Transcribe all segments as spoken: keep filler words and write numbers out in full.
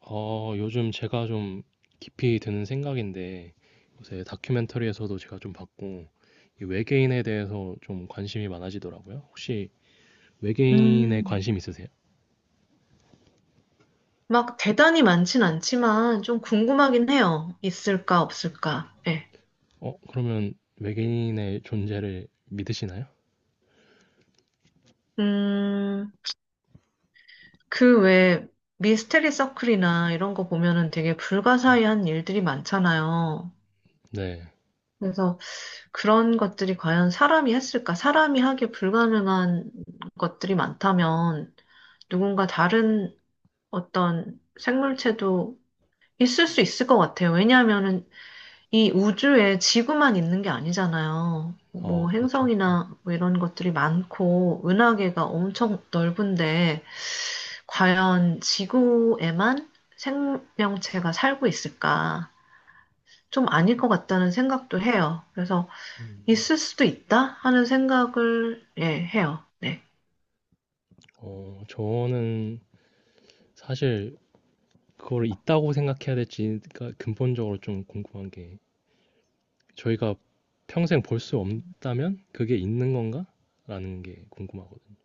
어, 요즘 제가 좀 깊이 드는 생각인데, 요새 다큐멘터리에서도 제가 좀 봤고, 이 외계인에 대해서 좀 관심이 많아지더라고요. 혹시 외계인에 음, 관심 있으세요? 막 대단히 많진 않지만 좀 궁금하긴 해요. 있을까, 없을까. 예. 어, 그러면 외계인의 존재를 믿으시나요? 음, 그 외에 미스테리 서클이나 이런 거 보면은 되게 네. 불가사의한 일들이 많잖아요. 네. 그래서 그런 것들이 과연 사람이 했을까? 사람이 하기 불가능한 것들이 많다면 누군가 다른 어떤 생물체도 있을 수 있을 것 같아요. 왜냐하면은 이 우주에 지구만 있는 게 아니잖아요. 어, 뭐 그렇죠. 네. 행성이나 뭐 이런 것들이 많고 은하계가 엄청 넓은데 과연 지구에만 생명체가 살고 있을까? 좀 아닐 것 같다는 생각도 해요. 그래서 있을 수도 있다 하는 생각을 예, 해요. 네. 어, 저는 사실 그걸 있다고 생각해야 될지가 근본적으로 좀 궁금한 게, 저희가 평생 볼 수 없다면 그게 있는 건가? 라는 게 궁금하거든요.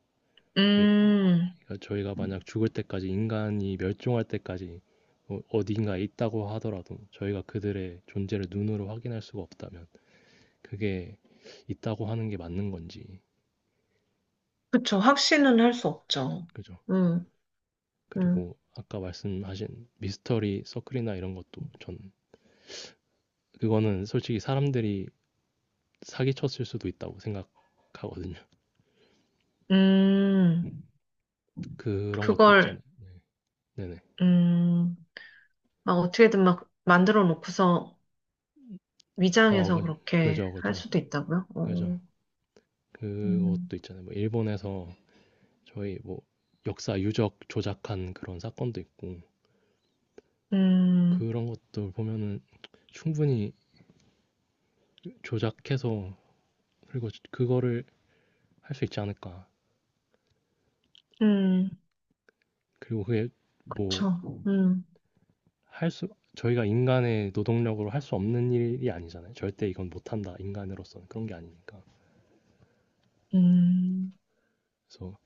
음, 그러니까 저희가 만약 죽을 때까지 인간이 멸종할 때까지 뭐 어딘가에 있다고 하더라도 저희가 그들의 존재를 눈으로 확인할 수가 없다면 그게 있다고 하는 게 맞는 건지. 그쵸. 확신은 할 수 없죠. 그죠? 음, 음, 그리고 아까 말씀하신 미스터리 서클이나 이런 것도 전 그거는 솔직히 사람들이 사기쳤을 수도 있다고 생각하거든요. 음, 음, 그런 것도 그걸 있잖아요. 네네. 음, 막 어떻게든 막 만들어 놓고서 어, 위장해서 그, 그렇게 그죠, 할 그죠, 수도 있다고요? 그죠. 어, 음, 그것도 있잖아요. 뭐 일본에서 저희 뭐 역사 유적 조작한 그런 사건도 있고 음, 그런 것도 보면은 충분히 조작해서 그리고 그거를 할 수 있지 않을까. 음, 그리고 그게 뭐 그쵸. 음, 할 수 저희가 인간의 노동력으로 할 수 없는 일이 아니잖아요. 절대 이건 못한다. 인간으로서는 그런 게 아니니까. 음. 그래서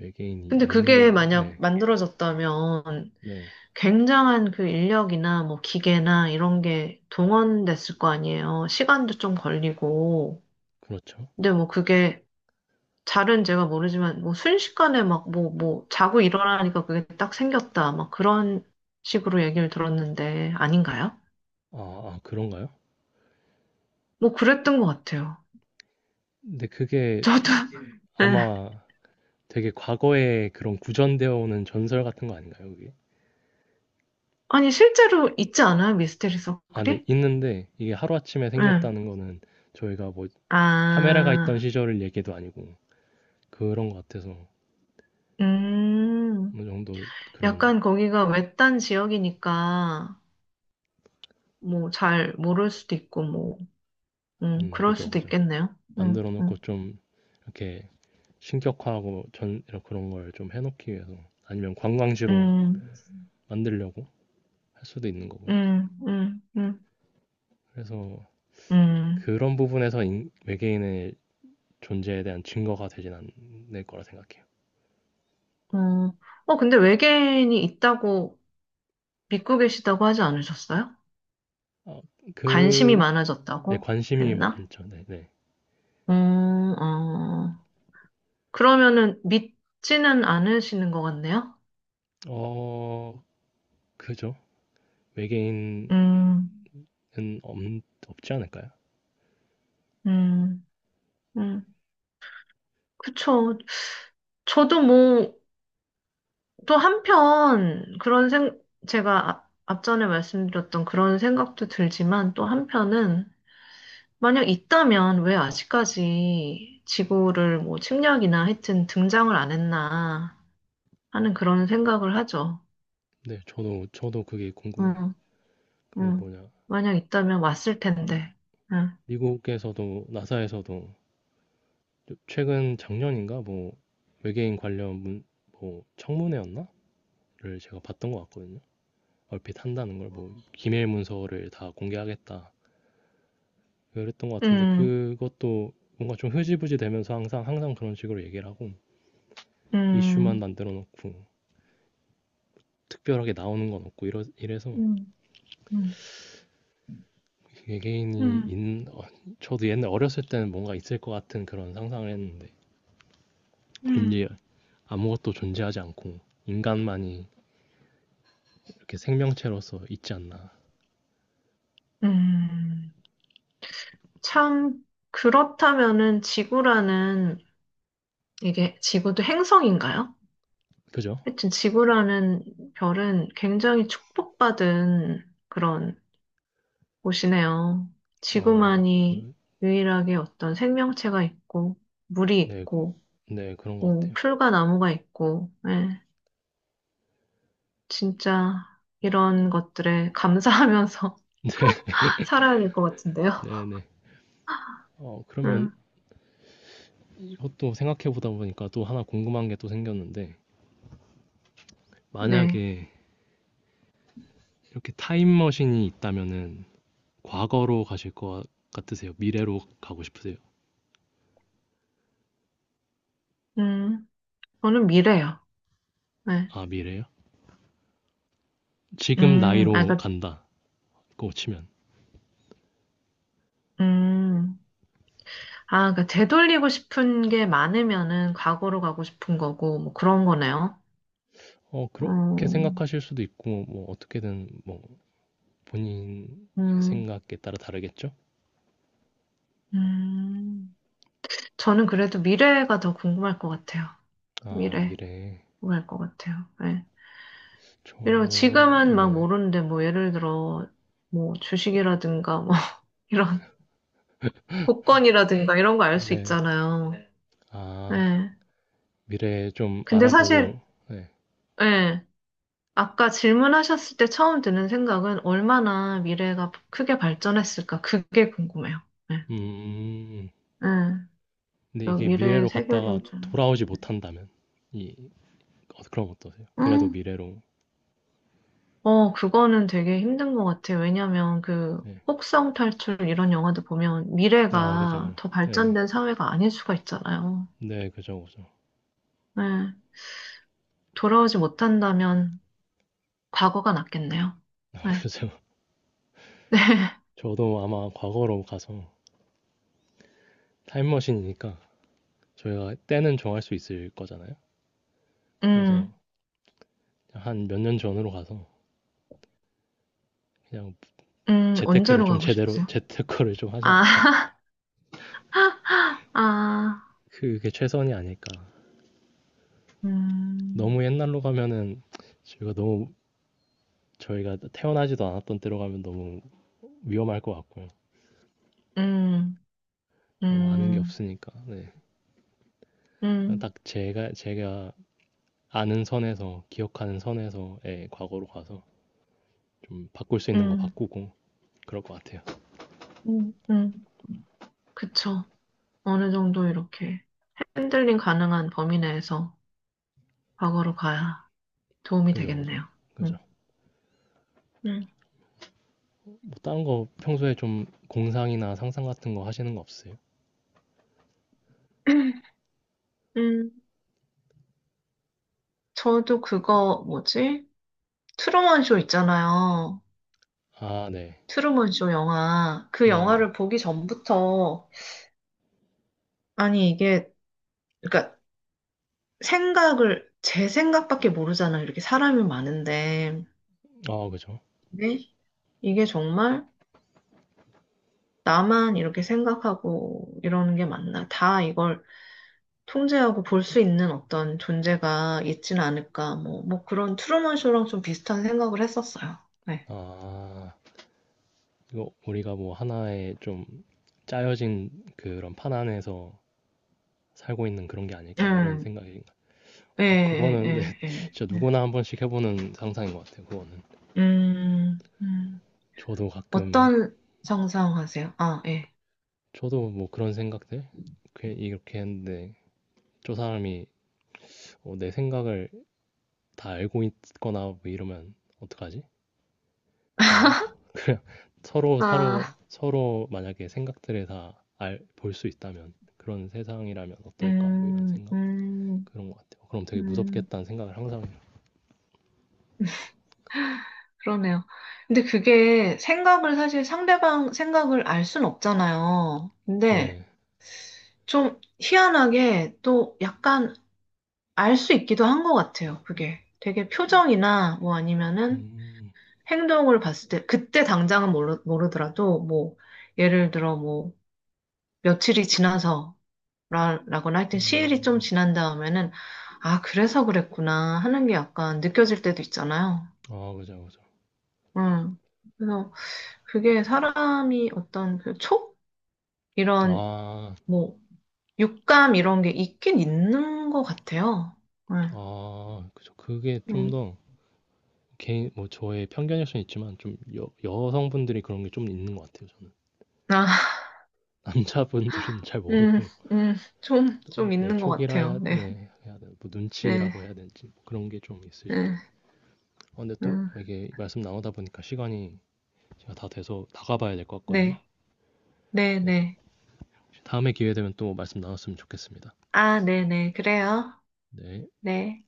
외계인이 근데 있는 게 그게 맞네. 만약 네, 만들어졌다면 네, 굉장한 그 인력이나 뭐 기계나 이런 게 동원됐을 거 아니에요. 시간도 좀 걸리고. 그렇죠. 근데 뭐 그게 잘은 제가 모르지만 뭐 순식간에 막 뭐, 뭐 자고 일어나니까 그게 딱 생겼다. 막 그런 식으로 얘기를 들었는데 아닌가요? 아, 아, 그런가요? 뭐 그랬던 것 같아요. 근데 그게 저도. 아마 되게 과거에 그런 구전되어 오는 전설 같은 거 아닌가요, 그게? 아니, 실제로 있지 않아요? 미스테리 아, 네, 서클이? 있는데 이게 하루아침에 응. 생겼다는 거는 저희가 뭐 카메라가 있던 아, 시절을 얘기도 아니고 그런 것 같아서 음. 어느 정도 그런. 약간 거기가 외딴 지역이니까, 뭐, 잘 모를 수도 있고, 뭐, 음, 음, 그럴 그죠, 수도 그죠. 있겠네요. 음, 만들어 놓고 음, 좀 이렇게 신격화하고 전 이런 그런 걸 좀 해놓기 위해서 아니면 관광지로 음, 만들려고 할 수도 있는 거고요. 음, 음, 음, 그래서 음. 그런 부분에서 인- 외계인의 존재에 대한 증거가 되진 않을 거라 생각해요. 어, 어, 근데 외계인이 있다고 믿고 계시다고 하지 않으셨어요? 어, 관심이 그, 네, 많아졌다고 관심이 했나? 많죠. 네, 네. 음, 어. 그러면은 믿지는 않으시는 것 같네요? 어, 그죠. 외계인은 음, 없, 없지 않을까요? 음, 음, 그쵸. 저도 뭐, 또 한편, 그런 생, 제가 앞, 앞전에 말씀드렸던 그런 생각도 들지만, 또 한편은, 만약 있다면 왜 아직까지 지구를 뭐 침략이나 하여튼 등장을 안 했나 하는 그런 생각을 하죠. 네, 저도, 저도 그게 궁금해요. 음, 그 음. 뭐냐, 만약 있다면 왔을 텐데. 음, 미국에서도, 나사에서도 최근 작년인가 뭐 외계인 관련 문, 뭐 청문회였나?를 제가 봤던 것 같거든요. 얼핏 한다는 걸 뭐 기밀 문서를 다 공개하겠다 그랬던 것 같은데 음, 그것도 뭔가 좀 흐지부지 되면서 항상 항상 그런 식으로 얘기를 하고 이슈만 음, 만들어 놓고 특별하게 나오는 건 없고 이러, 이래서 음, 음, 외계인이 음, 있는, 어, 저도 옛날 어렸을 때는 뭔가 있을 것 같은 그런 상상을 했는데, 음. 왠지 아무것도 존재하지 않고, 인간만이 이렇게 생명체로서 있지 않나. 음. 참, 그렇다면은 지구라는, 이게 지구도 행성인가요? 그죠? 하여튼 지구라는 별은 굉장히 축복받은 그런 곳이네요. 어, 지구만이 그, 유일하게 어떤 생명체가 있고, 물이 네, 그- 있고, 네, 그런 것 뭐, 같아요. 풀과 나무가 있고, 예, 진짜 이런 것들에 감사하면서 살아야 될 것 같은데요. 네네. 어, 그러면 음, 이것도 생각해 보다 보니까 또 하나 궁금한 게 또 생겼는데, 네. 만약에 이렇게 타임머신이 있다면은, 과거로 가실 것 같으세요? 미래로 가고 싶으세요? 음, 저는 미래요. 네. 아, 미래요? 지금 음, 아, 나이로 그, 간다. 그거 치면. 음. 아, 그러니까 되돌리고 싶은 게 많으면은 과거로 가고 싶은 거고, 뭐 그런 거네요. 어, 그렇게 어, 생각하실 수도 있고, 뭐, 어떻게든, 뭐, 본인의 음, 생각에 따라 다르겠죠? 음. 저는 그래도 미래가 더 궁금할 것 같아요. 아, 미래, 미래. 궁금할 것 같아요. 예. 저, 이면 지금은 막 네네. 모르는데, 뭐 예를 들어, 뭐 주식이라든가, 뭐 이런, 복권이라든가 이런 거 알 수 네. 있잖아요. 아, 예. 미래 좀 근데 사실, 알아보고, 네. 예. 아까 질문하셨을 때 처음 드는 생각은 얼마나 미래가 크게 발전했을까? 그게 궁금해요. 네. 음, 음, 음. 네. 근데 그 이게 미래의 미래로 갔다가 세계를 좀. 돌아오지 못한다면, 이, 어, 그럼 어떠세요? 그래도 음, 미래로, 어, 그거는 되게 힘든 것 같아요. 왜냐면 그 네. 혹성 탈출 이런 영화도 보면 아, 미래가 그죠. 더 네. 발전된 사회가 아닐 수가 있잖아요. 네, 그죠, 그죠. 네. 돌아오지 못한다면 과거가 낫겠네요. 아, 네. 네. 그죠. 저도 아마 과거로 가서 타임머신이니까 저희가 때는 정할 수 있을 거잖아요. 그래서 음, 한 몇 년 전으로 가서 그냥 음, 재테크를 언제로 좀 가고 제대로 싶으세요? 재테크를 좀 하지 아, 않을까. 아, 그게 최선이 아닐까. 음, 너무 옛날로 가면은 저희가 너무 저희가 태어나지도 않았던 때로 가면 너무 위험할 것 같고요. 음. 너무 아는 게 음, 없으니까. 네. 그냥 음, 딱 제가 제가 아는 선에서 기억하는 선에서의 과거로 가서 좀 바꿀 수 있는 거 음, 바꾸고 그럴 것 같아요. 음, 음, 그쵸. 어느 정도 이렇게 핸들링 가능한 범위 내에서 과거로 가야 도움이 그죠, 그죠, 되겠네요. 그죠. 음, 음, 뭐 다른 거 평소에 좀 공상이나 상상 같은 거 하시는 거 없으세요? 음. 저도 그거 뭐지? 트루먼 쇼 있잖아요. 아, 네, 트루먼 쇼 영화. 그 네, 네. 영화를 보기 전부터 아니 이게 그러니까 생각을 제 생각밖에 모르잖아요. 이렇게 사람이 많은데. 어, 그죠. 근데 이게 정말 나만 이렇게 생각하고 이러는 게 맞나? 다 이걸 통제하고 볼 수 있는 어떤 존재가 있지는 않을까? 뭐, 뭐 그런 트루먼 쇼랑 좀 비슷한 생각을 했었어요. 네. 아, 이거 우리가 뭐 하나의 좀 짜여진 그런 판 안에서 살고 있는 그런 게 아닐까, 뭐 이런 음, 생각이. 예, 예, 그거는 네, 예, 예. 진짜 예. 누구나 한 번씩 해보는 상상인 것 같아요, 그거는. 음, 음. 저도 가끔, 어떤 상상하세요? 아, 예. 저도 뭐 그런 생각들? 그- 이렇게 했는데, 저 사람이 어, 내 생각을 다 알고 있거나 뭐 이러면 어떡하지? 그런 거? 서로, 서로, 아, 서로 만약에 생각들을 다 알, 볼 수 있다면, 그런 세상이라면 어떨까, 뭐 이런 음, 생각. 음, 그런 것 같아요. 그럼 되게 음, 무섭겠다는 생각을 항상 해요. 그러네요. 근데 그게 생각을 사실 상대방 생각을 알 순 없잖아요. 근데 네. 좀 희한하게 또 약간 알 수 있기도 한 것 같아요, 그게. 되게 표정이나 뭐 아니면은 음, 행동을 봤을 때, 그때 당장은 모르, 모르더라도 뭐, 예를 들어 뭐, 며칠이 지나서 라, 라거나 하여튼 시일이 좀 음. 지난 다음에는, 아, 그래서 그랬구나 하는 게 약간 느껴질 때도 있잖아요. 아, 그죠, 그죠. 음. 그래서 그게 사람이 어떤 그 촉? 이런 아, 뭐, 육감 이런 게 있긴 있는 것 같아요. 네. 아, 그죠. 그게 좀 음. 더 개인, 뭐 저의 편견일 수는 있지만 좀 여, 여성분들이 그런 게 좀 있는 것 같아요, 저는. 아, 남자분들은 잘 음, 모르고, 음, 좀, 좀 네, 있는 것 촉이라 같아요. 해야, 네, 네, 해야 되나, 뭐 네, 눈치라고 해야 되는지 뭐 그런 게 좀 있으신 것 같아요. 네, 어, 근데 또 음, 이게 말씀 나누다 보니까 시간이 제가 다 돼서 나가봐야 될 것 같거든요. 네, 네, 네. 네. 다음에 기회 되면 또 말씀 나눴으면 좋겠습니다. 아, 네, 네, 그래요. 네. 네.